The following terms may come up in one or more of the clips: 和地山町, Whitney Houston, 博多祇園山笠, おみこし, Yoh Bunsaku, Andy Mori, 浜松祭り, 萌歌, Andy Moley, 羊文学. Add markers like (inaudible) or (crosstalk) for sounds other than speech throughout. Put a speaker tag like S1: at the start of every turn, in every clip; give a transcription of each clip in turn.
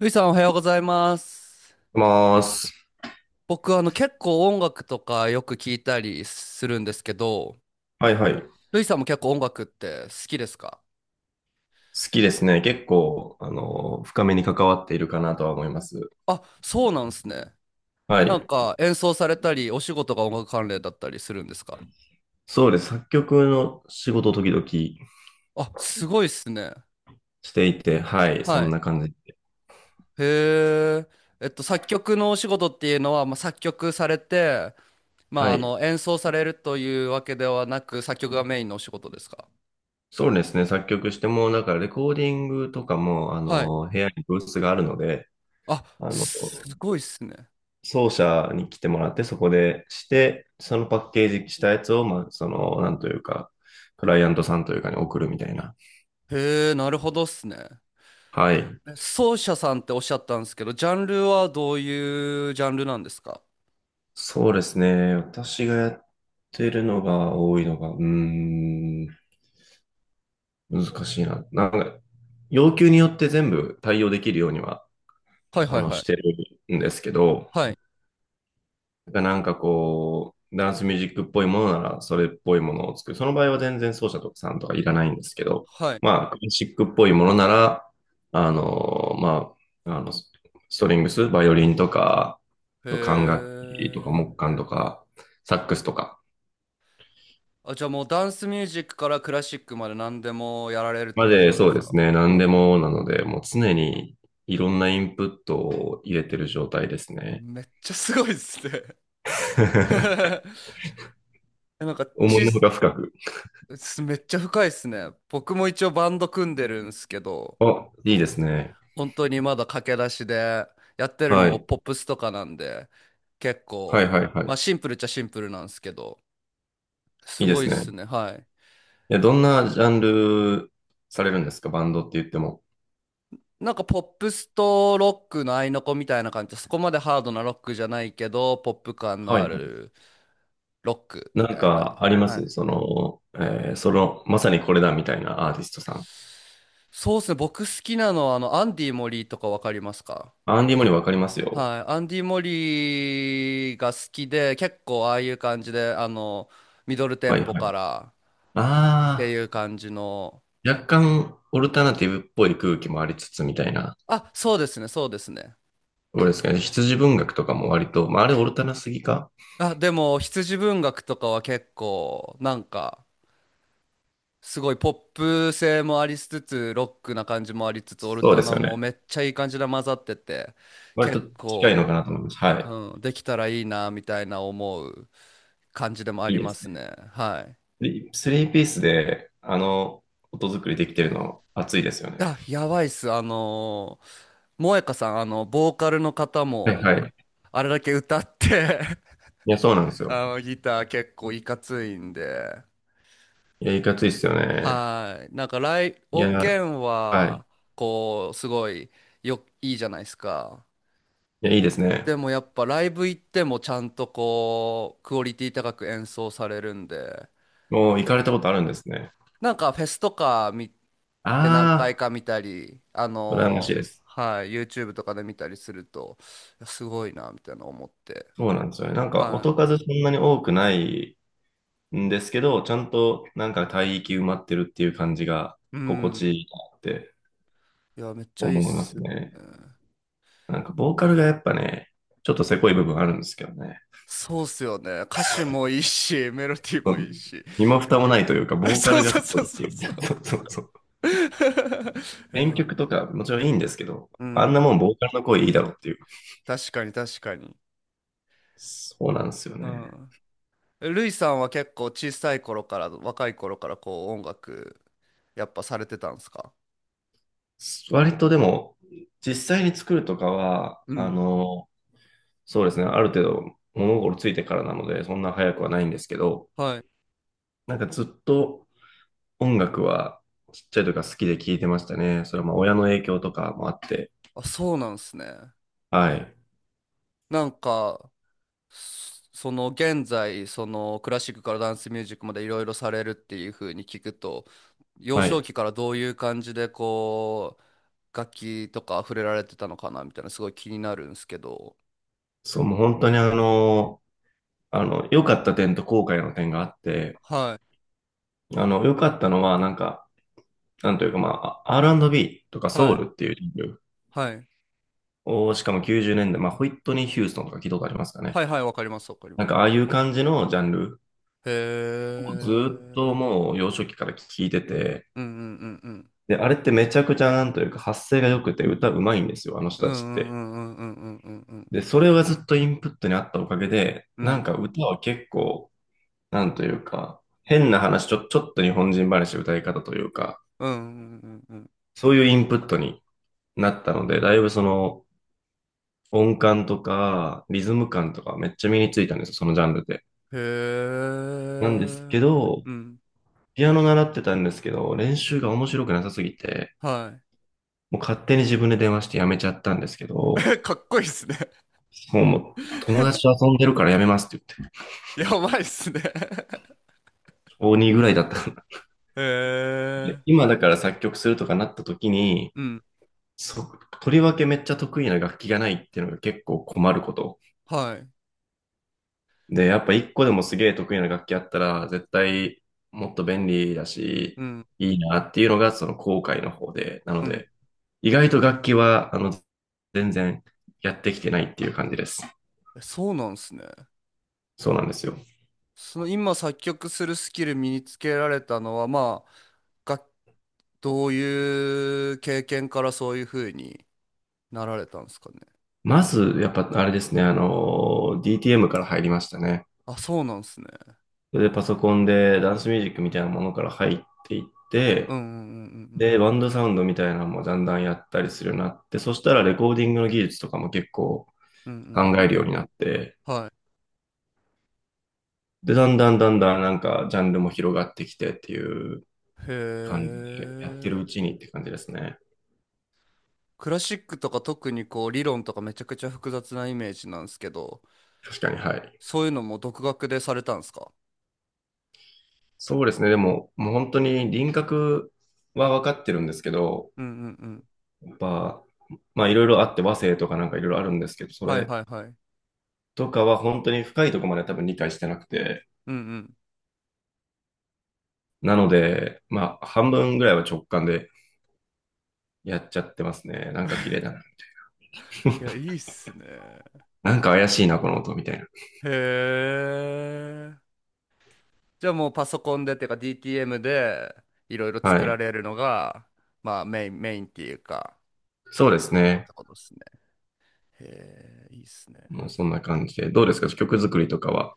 S1: ルイさんおはようございます。
S2: まーす。
S1: 僕結構音楽とかよく聞いたりするんですけど、
S2: はいはい。好
S1: ルイさんも結構音楽って好きですか？
S2: きですね。結構、深めに関わっているかなとは思います。
S1: あ、そうなんですね。
S2: は
S1: なん
S2: い。
S1: か演奏されたりお仕事が音楽関連だったりするんですか？
S2: そうです。作曲の仕事を時々
S1: あ、すごいっすね。
S2: していて、はい。そ
S1: は
S2: ん
S1: い。
S2: な感じで。
S1: へえ。作曲のお仕事っていうのは、まあ、作曲されて、ま
S2: は
S1: あ
S2: い。
S1: 演奏されるというわけではなく作曲がメインのお仕事ですか？
S2: そうですね。作曲しても、だからレコーディングとかも、
S1: はい。
S2: 部屋に教室があるので、
S1: あ、
S2: あの、
S1: すごいっすね。
S2: 奏者に来てもらって、そこでして、そのパッケージしたやつを、まあ、その、なんというか、クライアントさんというかに送るみたいな。
S1: へえ、なるほどっすね。
S2: はい。
S1: 奏者さんっておっしゃったんですけど、ジャンルはどういうジャンルなんですか？
S2: そうですね。私がやってるのが多いのが、難しいな。なんか、要求によって全部対応できるようには、
S1: はいはいはい。
S2: してるんですけど、
S1: はい。
S2: なんかこう、ダンスミュージックっぽいものなら、それっぽいものを作る。その場合は全然奏者とかさんとかいらないんですけど、
S1: はい。
S2: まあ、クラシックっぽいものなら、あの、まあ、あの、ストリングス、バイオリンとか、
S1: へ
S2: あと管楽器とか
S1: え。
S2: 木管とか、サックスとか、
S1: あ、じゃあもうダンスミュージックからクラシックまで何でもやられるって
S2: ま
S1: 感じ
S2: で、
S1: なんで
S2: そう
S1: す
S2: で
S1: か？
S2: すね。何でもなので、もう常にいろんなインプットを入れてる状態ですね。
S1: めっちゃすごいっすね。 (laughs)
S2: (laughs)
S1: え、なんか
S2: 思
S1: ち、
S2: いのほか深く。
S1: めっちゃ深いっすね。僕も一応バンド組んでるんですけど、
S2: あ、いいですね。
S1: 本当にまだ駆け出しで、やってるの
S2: は
S1: も
S2: い。
S1: ポップスとかなんで、結
S2: はい
S1: 構、
S2: はいは
S1: まあ
S2: い。
S1: シンプルっちゃシンプルなんですけど、
S2: い
S1: す
S2: いで
S1: ごいっ
S2: す
S1: す
S2: ね。
S1: ね。はい。
S2: いや、どんなジャンルされるんですかバンドって言っても。
S1: なんかポップスとロックの合いの子みたいな感じで、そこまでハードなロックじゃないけど、ポップ感の
S2: はい
S1: あ
S2: はい。
S1: るロックみ
S2: なん
S1: たいな。
S2: かありま
S1: は
S2: す
S1: い。
S2: その、その、まさにこれだみたいなアーティストさん。
S1: そうっすね。僕好きなのは、アンディ・モリーとかわかりますか？
S2: アンディ・モリわかりますよ。
S1: はい。アンディ・モリーが好きで、結構ああいう感じで、ミドルテ
S2: は
S1: ン
S2: い
S1: ポ
S2: は
S1: か
S2: い。
S1: らって
S2: あ
S1: いう感じの。
S2: あ、若干オルタナティブっぽい空気もありつつみたいな。
S1: あ、そうですね、そうですね。
S2: どうですかね。羊文学とかも割と、まあ、あれオルタナすぎか。
S1: あ、でも、羊文学とかは結構、なんか、すごいポップ性もありつつ、ロックな感じもありつつ、オル
S2: そう
S1: タ
S2: です
S1: ナ
S2: よ
S1: も
S2: ね。
S1: めっちゃいい感じで混ざってて、
S2: 割と
S1: 結
S2: 近いのかな
S1: 構、
S2: と思います。は
S1: うん、できたらいいな、みたいな思う感じでもあ
S2: い。いい
S1: り
S2: で
S1: ま
S2: す
S1: す
S2: ね。
S1: ね。はい。
S2: でスリーピースで、音作りできてるの、熱いですよね。
S1: あ、やばいっす。萌歌さん、ボーカルの方
S2: はい
S1: も、
S2: はい。
S1: あれだけ歌って。
S2: いや、そうなんです
S1: (laughs)
S2: よ。
S1: ギター結構いかついんで、
S2: いや、いかついっすよね。
S1: はい。なんか、
S2: い
S1: 音
S2: や、
S1: 源
S2: はい。
S1: は、こう、すごい、いいじゃないですか。
S2: いや、いいですね。
S1: でもやっぱライブ行ってもちゃんとこうクオリティ高く演奏されるんで。
S2: もう行かれたことあるんですね。
S1: なんかフェスとか見て何回
S2: あ
S1: か見たり
S2: あ、羨ましいです。
S1: はい、 YouTube とかで見たりすると、いやすごいなみたいな思って。
S2: そうなんですよね。なんか、
S1: は
S2: 音
S1: い。
S2: 数そんなに多くないんですけど、ちゃんとなんか帯域埋まってるっていう感じが
S1: う
S2: 心
S1: ん。
S2: 地いいなって
S1: いや、めっちゃいいっ
S2: 思いま
S1: す
S2: す
S1: よ
S2: ね。
S1: ね。
S2: なんか、ボーカルがやっぱね、ちょっとせこい部分あるんですけどね。
S1: そうっすよね、歌詞もいいしメロディー
S2: う
S1: もいい
S2: ん、
S1: し。
S2: 身も蓋もないというか、
S1: (laughs)
S2: ボーカ
S1: そ
S2: ル
S1: う
S2: がせ
S1: そう
S2: こ
S1: そう
S2: いってい
S1: そう
S2: う。
S1: そ
S2: (laughs) そうそうそう。
S1: う。 (laughs) い
S2: 編
S1: や、
S2: 曲とかもちろんいいんですけど、
S1: う
S2: あん
S1: ん、
S2: なもんボーカルの声いいだろうっていう。
S1: 確かに、確かに。
S2: そうなんですよ
S1: う
S2: ね。
S1: ん。ルイさんは結構小さい頃から、若い頃からこう音楽、やっぱされてたんですか？
S2: 割とでも、実際に作るとかは、
S1: うん。
S2: そうですね、ある程度物心ついてからなので、そんな早くはないんですけど、
S1: はい。
S2: なんかずっと音楽はちっちゃい時から好きで聴いてましたね。それはまあ親の影響とかもあって、
S1: あ、そうなんですね。
S2: はい。
S1: なんか、その現在、そのクラシックからダンスミュージックまでいろいろされるっていう風に聞くと、幼
S2: は
S1: 少
S2: い。
S1: 期からどういう感じでこう、楽器とか触れられてたのかなみたいな、すごい気になるんですけど。
S2: そう、もう本当に良かった点と後悔の点があって、
S1: はい。
S2: 良かったのは、なんか、なんというか、まあ、R&B とかソ
S1: は
S2: ウ
S1: い。
S2: ルっていうジャンル
S1: はい。
S2: を、しかも90年代、まあ、ホイットニー・ヒューストンとか聞いたことありますかね。
S1: はいはい、わかります、わかり
S2: な
S1: ま
S2: ん
S1: す。
S2: か、ああいう感じのジャンル
S1: へ
S2: をずっと
S1: え。
S2: もう幼少期から聞いてて、
S1: うん、うん、うん、うん、
S2: で、あれってめちゃくちゃなんというか、発声が良くて歌うまいんですよ、あの
S1: う
S2: 人
S1: ん、
S2: た
S1: う
S2: ちっ
S1: ん、う
S2: て。
S1: ん、うん、うん、うん、
S2: で、それがずっとインプットにあったおかげで、
S1: う
S2: なん
S1: ん、
S2: か歌は結構、なんというか、変な話、ちょっと日本人話歌い方というか、
S1: うん、うん、うん、うん、うん。
S2: そういうインプットになったので、だいぶその音感とかリズム感とかめっちゃ身についたんですよ、そのジャンルで。
S1: へ
S2: なんですけ
S1: え。
S2: ど、
S1: うん。
S2: ピアノ習ってたんですけど、練習が面白くなさすぎて、
S1: は
S2: もう勝手に自分で電話してやめちゃったんですけど、
S1: い。 (laughs) かっこいいっすね。
S2: もうも友
S1: (laughs)
S2: 達と遊んでるからやめますって言って、
S1: やばいっすね。 (laughs)
S2: 小にぐらいだったん
S1: へ
S2: で、
S1: え。
S2: 今だから作曲するとかなった時に、
S1: うん。
S2: そ、とりわけめっちゃ得意な楽器がないっていうのが結構困ること。
S1: はい。
S2: で、やっぱ一個でもすげえ得意な楽器あったら、絶対もっと便利だし、
S1: うん、
S2: いいなっていうのがその後悔の方で、なの
S1: うん。
S2: で、意外と楽器は、全然やってきてないっていう感じです。
S1: え、そうなんすね。
S2: そうなんですよ。
S1: その今作曲するスキル身につけられたのはまあがどういう経験からそういう風になられたんですかね？
S2: まず、やっぱあれですね、DTM から入りましたね。
S1: あ、そうなんですね。
S2: で、パソコンでダンスミュージックみたいなものから入っていっ
S1: う
S2: て、
S1: ん、うん、う
S2: で、
S1: ん、
S2: バンドサウンドみたいなのもだんだんやったりするようになって、そしたらレコーディングの技術とかも結構
S1: うん、うん、う
S2: 考
S1: ん、うん、う
S2: える
S1: ん。
S2: ようになって、
S1: は
S2: で、だんだんだんだんなんかジャンルも広がってきてっていう
S1: い。へ
S2: 感じで、やっ
S1: え。
S2: てるうちにって感じですね。
S1: クラシックとか特にこう理論とかめちゃくちゃ複雑なイメージなんですけど、
S2: 確かに、はい。
S1: そういうのも独学でされたんですか？
S2: そうですね。でも、もう本当に輪郭は分かってるんですけど、
S1: うん、うん、うん。
S2: やっぱ、まあいろいろあって和声とかなんかいろいろあるんですけど、そ
S1: はい
S2: れ
S1: はいはい。
S2: とかは本当に深いところまで多分理解してなくて、
S1: うん、うん。
S2: なので、まあ半分ぐらいは直感で、やっちゃってますね。なんか綺麗だな。
S1: いや、い
S2: (laughs)
S1: いっすね。
S2: なんか怪しいな、この音みたいな。
S1: へえ。じゃあもうパソコンでっていうか DTM でいろいろ
S2: は
S1: 作ら
S2: い。
S1: れるのが、まあメイン、メインっていうか、
S2: そうです
S1: 思っ
S2: ね。
S1: たことですね。へえ、いいっすね。
S2: もうそんな感じで。どうですか曲作りとかは。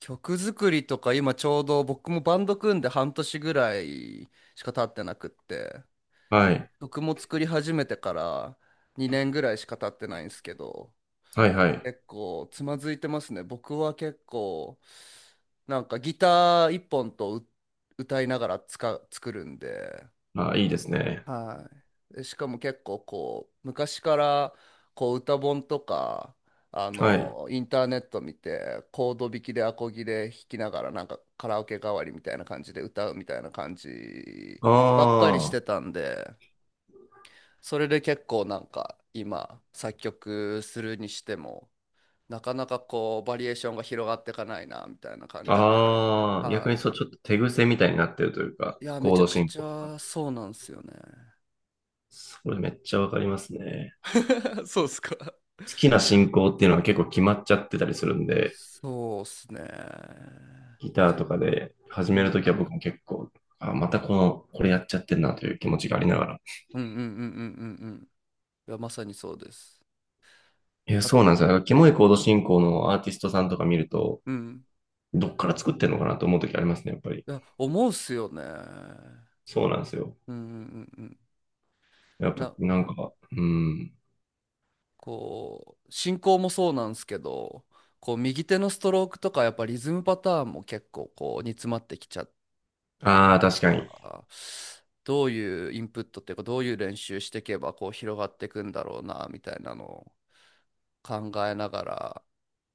S1: 曲作りとか今ちょうど僕もバンド組んで半年ぐらいしか経ってなくって、
S2: はい。
S1: 曲も作り始めてから2年ぐらいしか経ってないんですけど、
S2: はいはい。
S1: 結構つまずいてますね、僕は。結構なんかギター1本歌いながら作るんで。
S2: あ、いいですね。
S1: はい。でしかも結構こう、昔からこう歌本とか、
S2: はい。
S1: インターネット見て、コード弾きでアコギで弾きながら、なんかカラオケ代わりみたいな感じで歌うみたいな感じ
S2: あ
S1: ばっかりし
S2: あ。
S1: てたんで、それで結構なんか今、作曲するにしても、なかなかこう、バリエーションが広がっていかないな、みたいな感じで。
S2: ああ。逆に
S1: は
S2: そう、ちょっと手癖みたいになってるというか、
S1: い。いや、め
S2: コー
S1: ちゃ
S2: ド
S1: く
S2: 進
S1: ち
S2: 行が。
S1: ゃそうなんですよね。
S2: それめっちゃわかりますね。
S1: (laughs) そうっすか。
S2: 好きな進行っていうのは結構決まっちゃってたりするんで、
S1: そうっすね。
S2: ギターとかで始
S1: う
S2: める
S1: ん。
S2: ときは僕も結構、あ、またこの、これやっちゃってんなという気持ちがありながら、
S1: うん、うん、うん、うん、うん、うん。いや、まさにそうです。
S2: いや、
S1: あ、
S2: そうなんですよ。だからキモいコード進行のアーティストさんとか見ると、
S1: うん。
S2: どっから作ってんのかなと思うときありますね、やっぱり。
S1: いや、思うっすよね。
S2: そうなんですよ。
S1: うん、うん、うん、うん。
S2: やっぱ、
S1: な、
S2: なんか、うん。
S1: こう、進行もそうなんですけど、こう、右手のストロークとか、やっぱリズムパターンも結構、こう、煮詰まってきちゃった。
S2: ああ、確かに。
S1: どういうインプットっていうか、どういう練習していけば、こう、広がっていくんだろうな、みたいなのを考えながら、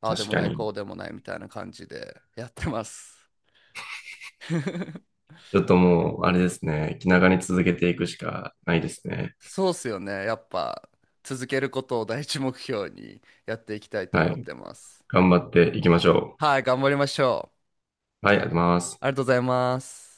S1: ああで
S2: 確
S1: も
S2: か
S1: ない、
S2: に。
S1: こうでもないみたいな感じでやってます。(laughs)
S2: ちょっともう、あれですね。気長に続けていくしかないですね。
S1: そうっすよね。やっぱ続けることを第一目標にやっていきたいと
S2: は
S1: 思っ
S2: い。
S1: てます。
S2: 頑張っていきましょ
S1: はい、頑張りましょう。
S2: う。はい、ありがとうございます。
S1: ありがとうございます。